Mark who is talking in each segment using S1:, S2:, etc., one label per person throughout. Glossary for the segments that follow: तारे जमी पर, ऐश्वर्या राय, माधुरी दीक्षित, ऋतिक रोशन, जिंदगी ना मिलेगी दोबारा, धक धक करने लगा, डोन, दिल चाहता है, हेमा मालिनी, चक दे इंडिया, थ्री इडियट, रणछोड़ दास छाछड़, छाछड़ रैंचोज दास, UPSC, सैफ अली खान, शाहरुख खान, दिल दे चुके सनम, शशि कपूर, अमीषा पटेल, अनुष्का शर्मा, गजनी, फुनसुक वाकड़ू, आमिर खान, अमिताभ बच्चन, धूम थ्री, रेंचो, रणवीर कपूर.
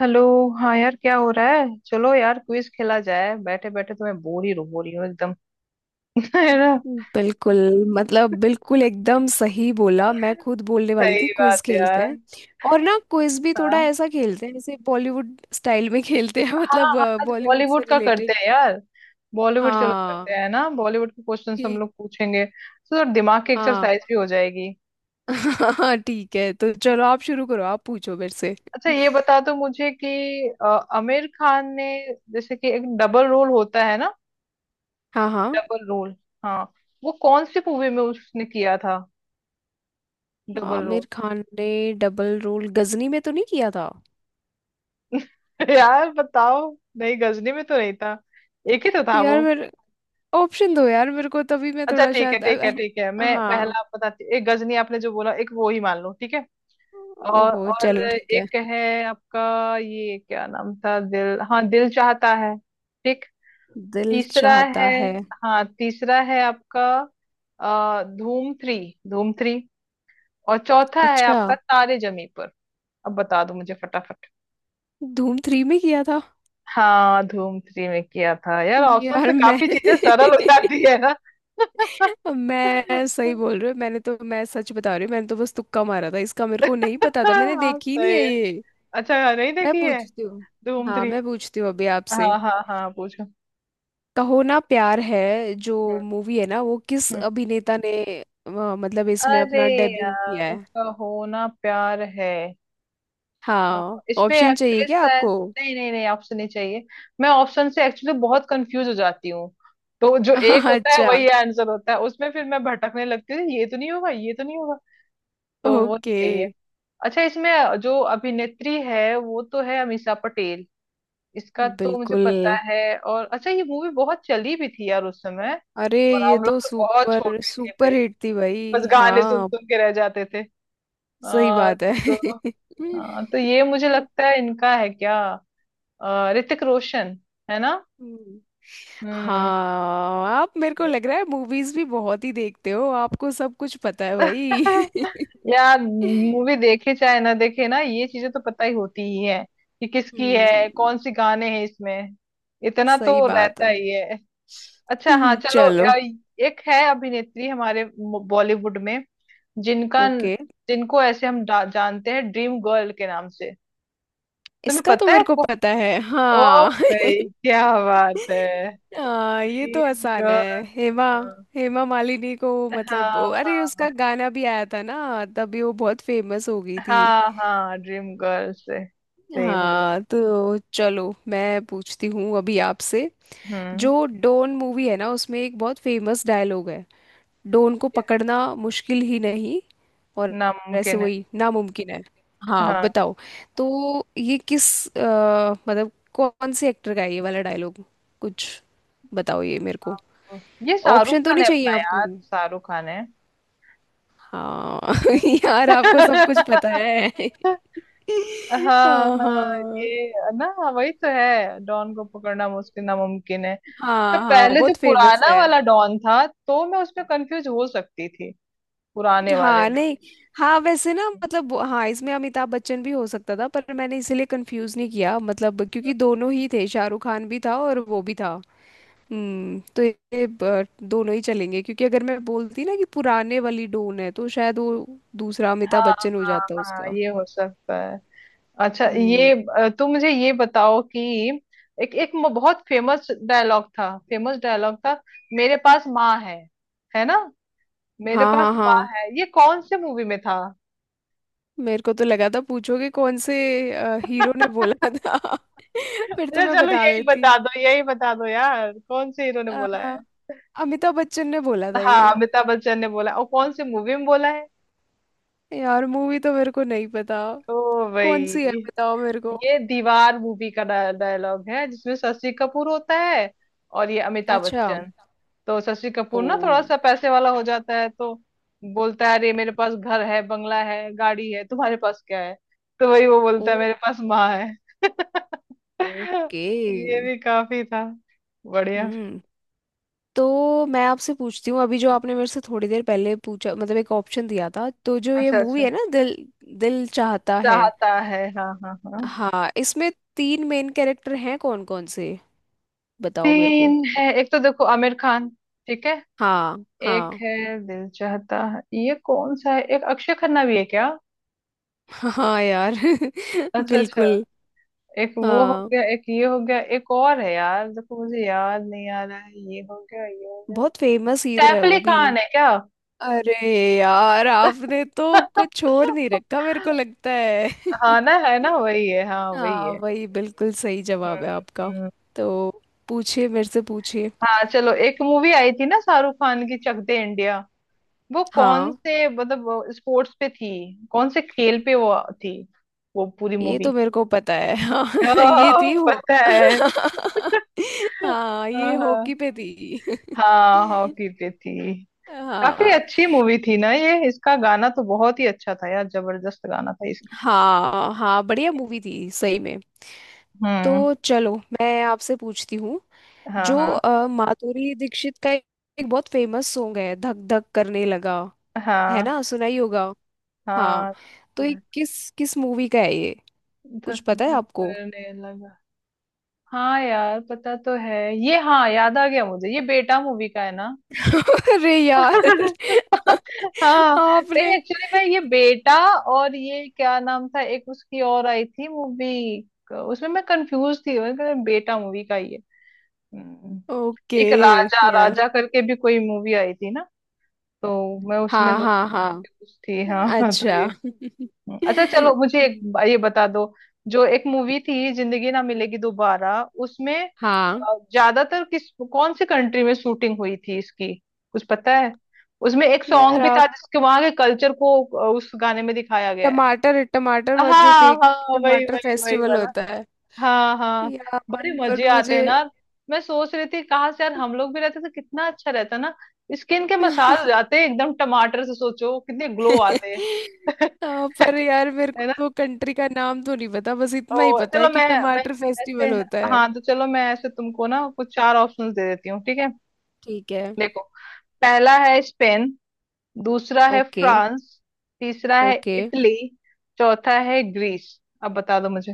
S1: Hello. हाँ यार, क्या हो रहा है। चलो यार, क्विज खेला जाए, बैठे बैठे तो मैं बोर ही हो रही हूँ एकदम। है ना।
S2: बिल्कुल। बिल्कुल एकदम सही बोला, मैं खुद बोलने वाली थी,
S1: सही
S2: क्विज
S1: बात
S2: खेलते
S1: यार।
S2: हैं। और ना क्विज भी थोड़ा
S1: हाँ
S2: ऐसा खेलते हैं जैसे बॉलीवुड स्टाइल में खेलते हैं
S1: हाँ
S2: मतलब
S1: हाँ, आज
S2: बॉलीवुड से
S1: बॉलीवुड का करते
S2: रिलेटेड।
S1: हैं यार। बॉलीवुड चलो करते
S2: हाँ।
S1: हैं ना। बॉलीवुड के क्वेश्चन हम
S2: ठीक।
S1: लोग पूछेंगे तो थोड़ा दिमाग की
S2: हाँ।
S1: एक्सरसाइज भी हो जाएगी।
S2: हाँ ठीक है, तो चलो आप शुरू करो, आप पूछो मेरे से।
S1: अच्छा, ये बता दो मुझे कि आमिर खान ने, जैसे कि एक डबल रोल होता है ना,
S2: हाँ हाँ,
S1: डबल रोल, हाँ, वो कौन सी मूवी में उसने किया था डबल रोल।
S2: आमिर खान ने डबल रोल गजनी में तो नहीं किया था।
S1: यार बताओ। नहीं, गजनी में तो नहीं था। एक ही तो था
S2: यार
S1: वो।
S2: मेरे, ऑप्शन दो यार मेरे को, तभी मैं
S1: अच्छा
S2: थोड़ा
S1: ठीक है
S2: शायद
S1: ठीक है ठीक है, मैं
S2: हाँ।
S1: पहला आप बताती एक गजनी आपने जो बोला एक वो ही मान लो ठीक है। और
S2: ओहो
S1: और
S2: चलो ठीक है,
S1: एक है आपका, ये क्या नाम था दिल, हाँ, दिल चाहता है। ठीक।
S2: दिल
S1: तीसरा
S2: चाहता
S1: है।
S2: है।
S1: हाँ, तीसरा है आपका धूम थ्री, धूम थ्री। और चौथा है
S2: अच्छा,
S1: आपका तारे जमी पर। अब बता दो मुझे फटाफट।
S2: धूम थ्री में किया था।
S1: हाँ, धूम थ्री में किया था यार, ऑप्शन
S2: यार
S1: से
S2: मैं
S1: काफी चीजें सरल हो जाती है। हाँ,
S2: मैं सही बोल रही हूँ, मैंने तो, मैं सच बता रही हूँ, मैंने तो बस तुक्का मारा था, इसका मेरे को नहीं पता था, मैंने देखी ही नहीं
S1: सही
S2: है
S1: है।
S2: ये।
S1: अच्छा, नहीं
S2: मैं
S1: देखी है
S2: पूछती हूँ।
S1: धूम
S2: हाँ
S1: थ्री।
S2: मैं पूछती हूँ अभी आपसे,
S1: हाँ हाँ हाँ, पूछो।
S2: कहो ना प्यार है जो
S1: हम्म।
S2: मूवी है ना, वो किस
S1: हम्म।
S2: अभिनेता ने मतलब इसमें
S1: अरे
S2: अपना डेब्यू किया
S1: यार,
S2: है।
S1: कहो ना प्यार है। अ,
S2: हाँ
S1: इसमें
S2: ऑप्शन चाहिए
S1: एक्ट्रेस
S2: क्या
S1: है,
S2: आपको?
S1: नहीं नहीं नहीं, ऑप्शन नहीं चाहिए। मैं ऑप्शन से एक्चुअली बहुत कंफ्यूज हो जाती हूँ। तो जो एक होता है
S2: अच्छा।
S1: वही आंसर होता है उसमें फिर मैं भटकने लगती हूँ, ये तो नहीं होगा ये तो नहीं होगा, तो वो नहीं
S2: ओके।
S1: चाहिए। अच्छा, इसमें जो अभिनेत्री है वो तो है अमीषा पटेल, इसका तो मुझे
S2: बिल्कुल।
S1: पता है। और अच्छा, ये मूवी बहुत चली भी थी यार उस समय।
S2: अरे
S1: और
S2: ये
S1: हम लोग
S2: तो
S1: तो बहुत
S2: सुपर
S1: छोटे थे
S2: सुपर
S1: भाई,
S2: हिट थी
S1: बस
S2: भाई,
S1: गाने सुन
S2: हाँ।
S1: सुन के रह जाते थे।
S2: सही
S1: आ,
S2: बात है।
S1: तो तो ये मुझे लगता है इनका है क्या, ऋतिक रोशन। है ना।
S2: हम्म।
S1: हम्म।
S2: हाँ आप, मेरे को लग रहा है मूवीज भी बहुत ही देखते हो, आपको सब कुछ पता है भाई।
S1: यार, मूवी देखे चाहे ना देखे ना, ये चीजें तो पता ही होती ही है कि किसकी है,
S2: हम्म।
S1: कौन सी गाने हैं इसमें। इतना
S2: सही
S1: तो
S2: बात
S1: रहता
S2: है।
S1: ही है। अच्छा हाँ चलो,
S2: चलो।
S1: एक है अभिनेत्री हमारे बॉलीवुड में, जिनका
S2: ओके।
S1: जिनको ऐसे हम जानते हैं ड्रीम गर्ल के नाम से। तुम्हें
S2: इसका तो
S1: पता है
S2: मेरे को
S1: को।
S2: पता है,
S1: ओ
S2: हाँ।
S1: भाई, क्या बात है।
S2: हाँ ये तो
S1: ड्रीम
S2: आसान है,
S1: गर्ल।
S2: हेमा, हेमा मालिनी को।
S1: हाँ
S2: अरे
S1: हाँ
S2: उसका गाना भी आया था ना, तभी वो बहुत फेमस हो गई थी।
S1: हाँ हाँ, ड्रीम गर्ल से सही बोला।
S2: हाँ तो चलो मैं पूछती हूँ अभी आपसे,
S1: हम्म।
S2: जो डोन मूवी है ना, उसमें एक बहुत फेमस डायलॉग है, डोन को
S1: ये
S2: पकड़ना मुश्किल ही नहीं और ऐसे,
S1: नामुमकिन है।
S2: वही, नामुमकिन है। हाँ
S1: हाँ
S2: बताओ। तो ये किस, अ, मतलब कौन से एक्टर का है ये वाला डायलॉग, कुछ, बताओ ये मेरे को।
S1: हाँ। ये शाहरुख
S2: ऑप्शन तो
S1: खान
S2: नहीं
S1: है,
S2: चाहिए
S1: अपना
S2: आपको?
S1: यार शाहरुख खान है।
S2: हाँ
S1: है ना?
S2: यार आपको सब कुछ पता है।
S1: हाँ
S2: हाँ
S1: हाँ।
S2: हाँ।
S1: ये ना, वही तो है, डॉन को पकड़ना मुश्किल, नामुमकिन है। अच्छा,
S2: हाँ हाँ
S1: पहले जो
S2: बहुत फेमस
S1: पुराना
S2: है।
S1: वाला डॉन था तो मैं उसमें कंफ्यूज हो सकती थी, पुराने वाले
S2: हाँ
S1: में।
S2: नहीं, हाँ वैसे ना, हाँ इसमें अमिताभ बच्चन भी हो सकता था, पर मैंने इसीलिए कंफ्यूज नहीं किया, क्योंकि दोनों ही थे, शाहरुख खान भी था और वो भी था। हम्म, तो ये दोनों ही चलेंगे, क्योंकि अगर मैं बोलती ना कि पुराने वाली डोन है तो शायद वो दूसरा अमिताभ
S1: हाँ
S2: बच्चन हो
S1: हाँ
S2: जाता
S1: हाँ,
S2: उसका।
S1: ये हो सकता है। अच्छा
S2: हम्म।
S1: ये, तुम मुझे ये बताओ कि एक एक बहुत फेमस डायलॉग था, फेमस डायलॉग था, मेरे पास माँ है ना, मेरे
S2: हाँ
S1: पास
S2: हाँ।
S1: माँ
S2: हाँ
S1: है, ये कौन से मूवी में था।
S2: मेरे को तो लगा था पूछोगे कौन से हीरो ने बोला था। फिर तो
S1: अच्छा
S2: मैं
S1: चलो,
S2: बता देती।
S1: यही बता दो यार, कौन से हीरो ने
S2: अ,
S1: बोला है।
S2: अमिताभ बच्चन ने बोला था ये।
S1: हाँ, अमिताभ बच्चन ने बोला, और कौन सी मूवी में बोला है।
S2: यार मूवी तो मेरे को नहीं पता,
S1: ओ
S2: कौन सी है
S1: भाई।
S2: बताओ मेरे को।
S1: ये दीवार मूवी का डायलॉग है जिसमें शशि कपूर होता है और ये अमिताभ
S2: अच्छा।
S1: बच्चन। तो शशि
S2: ओ।
S1: कपूर ना थोड़ा सा पैसे वाला हो जाता है, तो बोलता है, अरे मेरे पास घर है बंगला है गाड़ी है तुम्हारे पास क्या है, तो वही वो
S2: ओ।
S1: बोलता है, मेरे पास माँ है।
S2: ओके।
S1: ये भी काफी था। बढ़िया।
S2: हम्म। तो मैं आपसे पूछती हूँ अभी, जो आपने मेरे से थोड़ी देर पहले पूछा, एक ऑप्शन दिया था, तो जो ये
S1: अच्छा अच्छा,
S2: मूवी है ना, दिल, दिल चाहता है,
S1: चाहता है, हाँ हाँ हाँ।
S2: हाँ, इसमें तीन मेन कैरेक्टर हैं, कौन कौन से, बताओ मेरे को।
S1: तीन है, एक तो देखो आमिर खान, ठीक है।
S2: हाँ
S1: एक
S2: हाँ।
S1: है दिल चाहता है, ये कौन सा है, एक अक्षय खन्ना भी है क्या।
S2: हाँ यार
S1: अच्छा अच्छा,
S2: बिल्कुल।
S1: एक वो हो
S2: हाँ
S1: गया एक ये हो गया, एक और है यार, देखो मुझे याद नहीं आ रहा है, ये हो गया ये हो गया,
S2: बहुत फेमस हीरो है
S1: सैफ
S2: वो
S1: अली
S2: भी।
S1: खान है क्या।
S2: अरे यार आपने तो कुछ छोड़ नहीं रखा, मेरे को लगता है।
S1: हाँ ना, है ना वही है। हाँ वही
S2: हाँ
S1: है।
S2: वही बिल्कुल सही
S1: हम्म।
S2: जवाब है आपका।
S1: हम्म।
S2: तो पूछिए मेरे से, पूछिए।
S1: हाँ चलो, एक मूवी आई थी ना शाहरुख खान की, चक दे इंडिया, वो कौन
S2: हाँ
S1: से मतलब स्पोर्ट्स पे थी, कौन से खेल पे वो थी वो पूरी
S2: ये
S1: मूवी।
S2: तो मेरे को पता है, हाँ।
S1: ओह,
S2: ये थी हो।
S1: पता है।
S2: हाँ
S1: हाँ
S2: ये
S1: हाँ,
S2: हॉकी पे थी।
S1: हाँ हॉकी पे थी। काफी
S2: हाँ
S1: अच्छी मूवी थी ना ये, इसका गाना तो बहुत ही अच्छा था यार, जबरदस्त गाना था इसका।
S2: हाँ हाँ बढ़िया मूवी थी सही में।
S1: हम्म।
S2: तो चलो मैं आपसे पूछती हूँ,
S1: हाँ।
S2: जो
S1: हाँ
S2: माधुरी दीक्षित का एक, एक बहुत फेमस सॉन्ग है, धक धक करने लगा, है
S1: हाँ
S2: ना, सुना ही होगा। हाँ
S1: हाँ,
S2: तो ये
S1: धक
S2: किस, किस मूवी का है ये, कुछ
S1: धक
S2: पता है
S1: धक
S2: आपको?
S1: करने लगा। हाँ यार, पता तो है, ये, हाँ, याद आ गया मुझे, ये बेटा मूवी का है ना।
S2: अरे यार।
S1: हाँ, नहीं,
S2: आपने।
S1: एक्चुअली मैं ये बेटा, और ये क्या नाम था एक उसकी और आई थी मूवी, उसमें मैं कंफ्यूज थी, मैंने कहा, बेटा मूवी का ये। हम्म।
S2: ओके।
S1: एक राजा
S2: यार।
S1: राजा करके भी कोई मूवी आई थी ना, तो मैं उसमें
S2: हाँ
S1: दो
S2: हाँ हाँ।
S1: थी हाँ। तो
S2: अच्छा।
S1: ये। हम्म। अच्छा चलो, मुझे एक ये बता दो, जो एक मूवी थी जिंदगी ना मिलेगी दोबारा, उसमें
S2: हाँ
S1: ज्यादातर किस कौन सी कंट्री में शूटिंग हुई थी इसकी, कुछ पता है। उसमें एक
S2: यार
S1: सॉन्ग भी था
S2: आप,
S1: जिसके वहां के कल्चर को उस गाने में दिखाया गया है।
S2: टमाटर,
S1: हाँ
S2: जो फेक
S1: हाँ, वही
S2: टमाटर
S1: वही वही
S2: फेस्टिवल
S1: वाला।
S2: होता है।
S1: हाँ हाँ,
S2: यार।
S1: बड़े मजे
S2: पर
S1: आते
S2: मुझे।
S1: हैं ना। मैं सोच रही थी कहाँ से यार, हम लोग भी रहते तो कितना अच्छा रहता ना, स्किन के मसाज जाते हैं एकदम टमाटर से, सोचो कितने ग्लो आते हैं।
S2: हाँ पर यार मेरे को
S1: है ना।
S2: तो कंट्री का नाम तो नहीं पता, बस इतना ही
S1: तो
S2: पता
S1: चलो,
S2: है कि
S1: मैं
S2: टमाटर
S1: ऐसे,
S2: फेस्टिवल होता है।
S1: हाँ तो चलो मैं ऐसे तुमको ना कुछ चार ऑप्शंस दे देती हूँ ठीक है।
S2: ठीक है।
S1: देखो, पहला है स्पेन, दूसरा है
S2: ओके।
S1: फ्रांस, तीसरा है
S2: ओके।
S1: इटली, चौथा है ग्रीस, अब बता दो मुझे।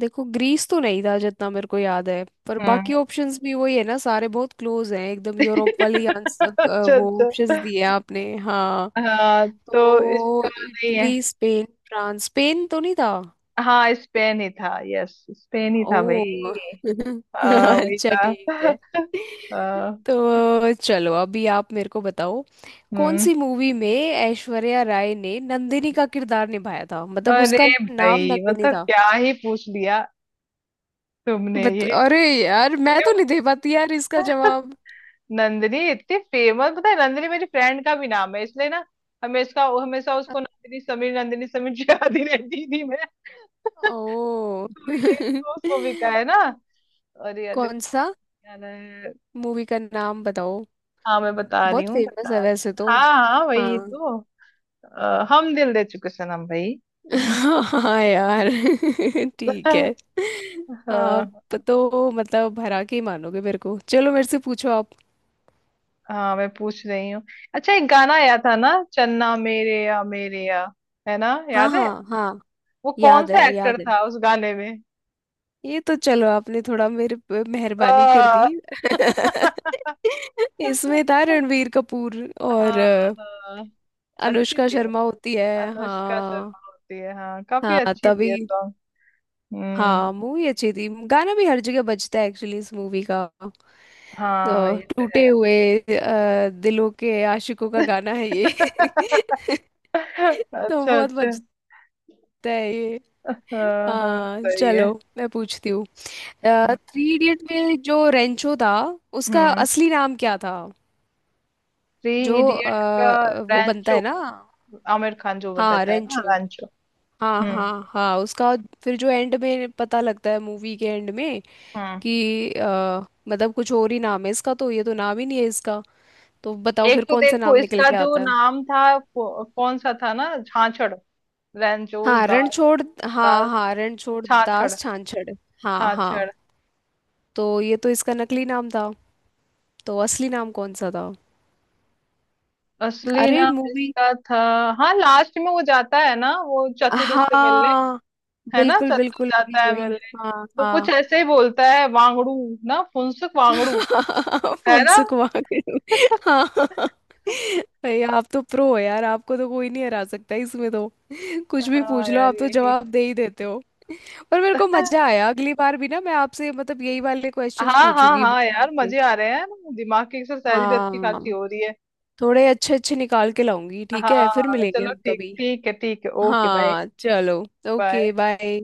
S2: देखो ग्रीस तो नहीं था जितना मेरे को याद है, पर
S1: हम्म।
S2: बाकी ऑप्शंस भी वही है ना, सारे बहुत क्लोज हैं एकदम, यूरोप वाले आंसर,
S1: अच्छा
S2: वो
S1: अच्छा,
S2: ऑप्शंस दिए आपने, हाँ।
S1: हाँ तो इसका
S2: तो
S1: नहीं है।
S2: इटली, स्पेन, फ्रांस, स्पेन तो नहीं था।
S1: हाँ स्पेन ही था, यस स्पेन ही
S2: ओ।
S1: था भाई। हाँ वही
S2: अच्छा
S1: था।
S2: ठीक है।
S1: हाँ।
S2: तो चलो अभी आप मेरे को बताओ, कौन
S1: हम्म।
S2: सी मूवी में ऐश्वर्या राय ने नंदिनी का किरदार निभाया था,
S1: अरे
S2: उसका नाम
S1: भाई,
S2: नंदिनी
S1: मतलब
S2: था।
S1: क्या ही पूछ लिया तुमने
S2: बत
S1: ये।
S2: अरे यार मैं तो नहीं दे पाती यार इसका जवाब।
S1: नंदनी इतनी फेमस, पता है, नंदनी मेरी फ्रेंड का भी नाम है इसलिए ना, हमेशा हमेशा उसको नंदनी समीर याद ही रहती थी मैं।
S2: ओ।
S1: तो ये तो उसको भी का है ना। अरे यार
S2: कौन
S1: देखो,
S2: सा,
S1: यार है।
S2: मूवी का नाम बताओ,
S1: हाँ मैं बता रही
S2: बहुत
S1: हूँ
S2: फेमस
S1: बता,
S2: है वैसे तो।
S1: हाँ हाँ वही
S2: हाँ
S1: तो, हम दिल दे चुके सनम भाई।
S2: हाँ यार ठीक
S1: हाँ।
S2: है। आप तो, भरा के ही मानोगे मेरे को। चलो, मेरे से पूछो आप।
S1: हाँ, मैं पूछ रही हूँ। अच्छा, एक गाना आया था ना, चन्ना मेरे या मेरे या, है ना,
S2: हाँ
S1: याद है,
S2: हाँ हाँ,
S1: वो कौन
S2: याद है,
S1: सा एक्टर
S2: याद है,
S1: था उस गाने में।
S2: ये तो चलो, आपने थोड़ा मेरे पे मेहरबानी कर दी।
S1: अ,
S2: इसमें था रणवीर कपूर, और
S1: हाँ हाँ, अच्छी
S2: अनुष्का
S1: थी वो,
S2: शर्मा होती है।
S1: अनुष्का
S2: हाँ।
S1: शर्मा होती है, हाँ काफी
S2: हाँ
S1: अच्छी थी ये
S2: तभी।
S1: सॉन्ग। हम्म।
S2: हाँ मूवी अच्छी थी, गाना भी हर जगह बजता है एक्चुअली इस मूवी का।
S1: हाँ,
S2: तो,
S1: ये तो है।
S2: टूटे हुए दिलों के आशिकों का गाना है ये। तो
S1: अच्छा
S2: बहुत
S1: अच्छा,
S2: बजता है ये।
S1: हाँ हाँ
S2: हाँ
S1: सही
S2: चलो
S1: है।
S2: मैं पूछती हूँ,
S1: हम्म।
S2: थ्री इडियट में जो रेंचो था, उसका
S1: हम्म।
S2: असली नाम क्या था,
S1: थ्री
S2: जो
S1: इडियट का
S2: वो बनता
S1: रैंचो,
S2: है ना।
S1: आमिर खान जो बन
S2: हाँ
S1: रहता है ना
S2: रेंचो।
S1: रैंचो।
S2: हाँ
S1: हम्म।
S2: हाँ हाँ उसका, फिर जो एंड में पता लगता है, मूवी के एंड में,
S1: हम्म।
S2: कि मतलब कुछ और ही नाम है इसका, तो ये तो नाम ही नहीं है इसका, तो बताओ
S1: एक
S2: फिर
S1: तो
S2: कौन सा
S1: देखो
S2: नाम निकल
S1: इसका
S2: के
S1: जो
S2: आता है।
S1: नाम था, कौन सा था ना, छाछड़, रैंचोज
S2: हाँ
S1: दास,
S2: रणछोड़, हाँ
S1: दास
S2: हाँ, रणछोड़
S1: छाछड़
S2: दास छाछड़। हाँ हाँ।
S1: छाछड़।
S2: तो ये तो इसका नकली नाम था, तो असली नाम कौन सा था?
S1: असली
S2: अरे
S1: नाम
S2: मूवी।
S1: इसका था, हाँ लास्ट में वो जाता है ना वो चतुर उससे मिलने,
S2: हाँ।
S1: है ना
S2: बिल्कुल
S1: चतुर
S2: बिल्कुल, वही
S1: जाता है
S2: वही।
S1: मिलने,
S2: हाँ
S1: तो कुछ
S2: हाँ।
S1: ऐसे ही बोलता है वांगड़ू ना, फुनसुक वांगड़ू, है ना।
S2: फुनसुक वाकड़ू। हाँ। भाई आप तो प्रो हो यार, आपको तो कोई नहीं हरा सकता इसमें तो। कुछ भी
S1: हाँ
S2: पूछ लो,
S1: यार
S2: आप तो
S1: यही।
S2: जवाब दे ही देते हो। पर मेरे को मजा आया, अगली बार भी ना मैं आपसे, यही वाले क्वेश्चंस
S1: हाँ हाँ
S2: पूछूंगी
S1: हाँ
S2: बोलने
S1: यार,
S2: के।
S1: मजे आ रहे हैं ना, दिमाग की एक्सरसाइज भी अच्छी खासी
S2: हाँ
S1: हो रही है।
S2: थोड़े अच्छे अच्छे निकाल के लाऊंगी,
S1: हाँ
S2: ठीक है, फिर
S1: हाँ
S2: मिलेंगे
S1: चलो
S2: हम
S1: ठीक,
S2: कभी।
S1: ठीक है ठीक है, ओके बाय।
S2: हाँ चलो,
S1: बाय।
S2: Okay bye.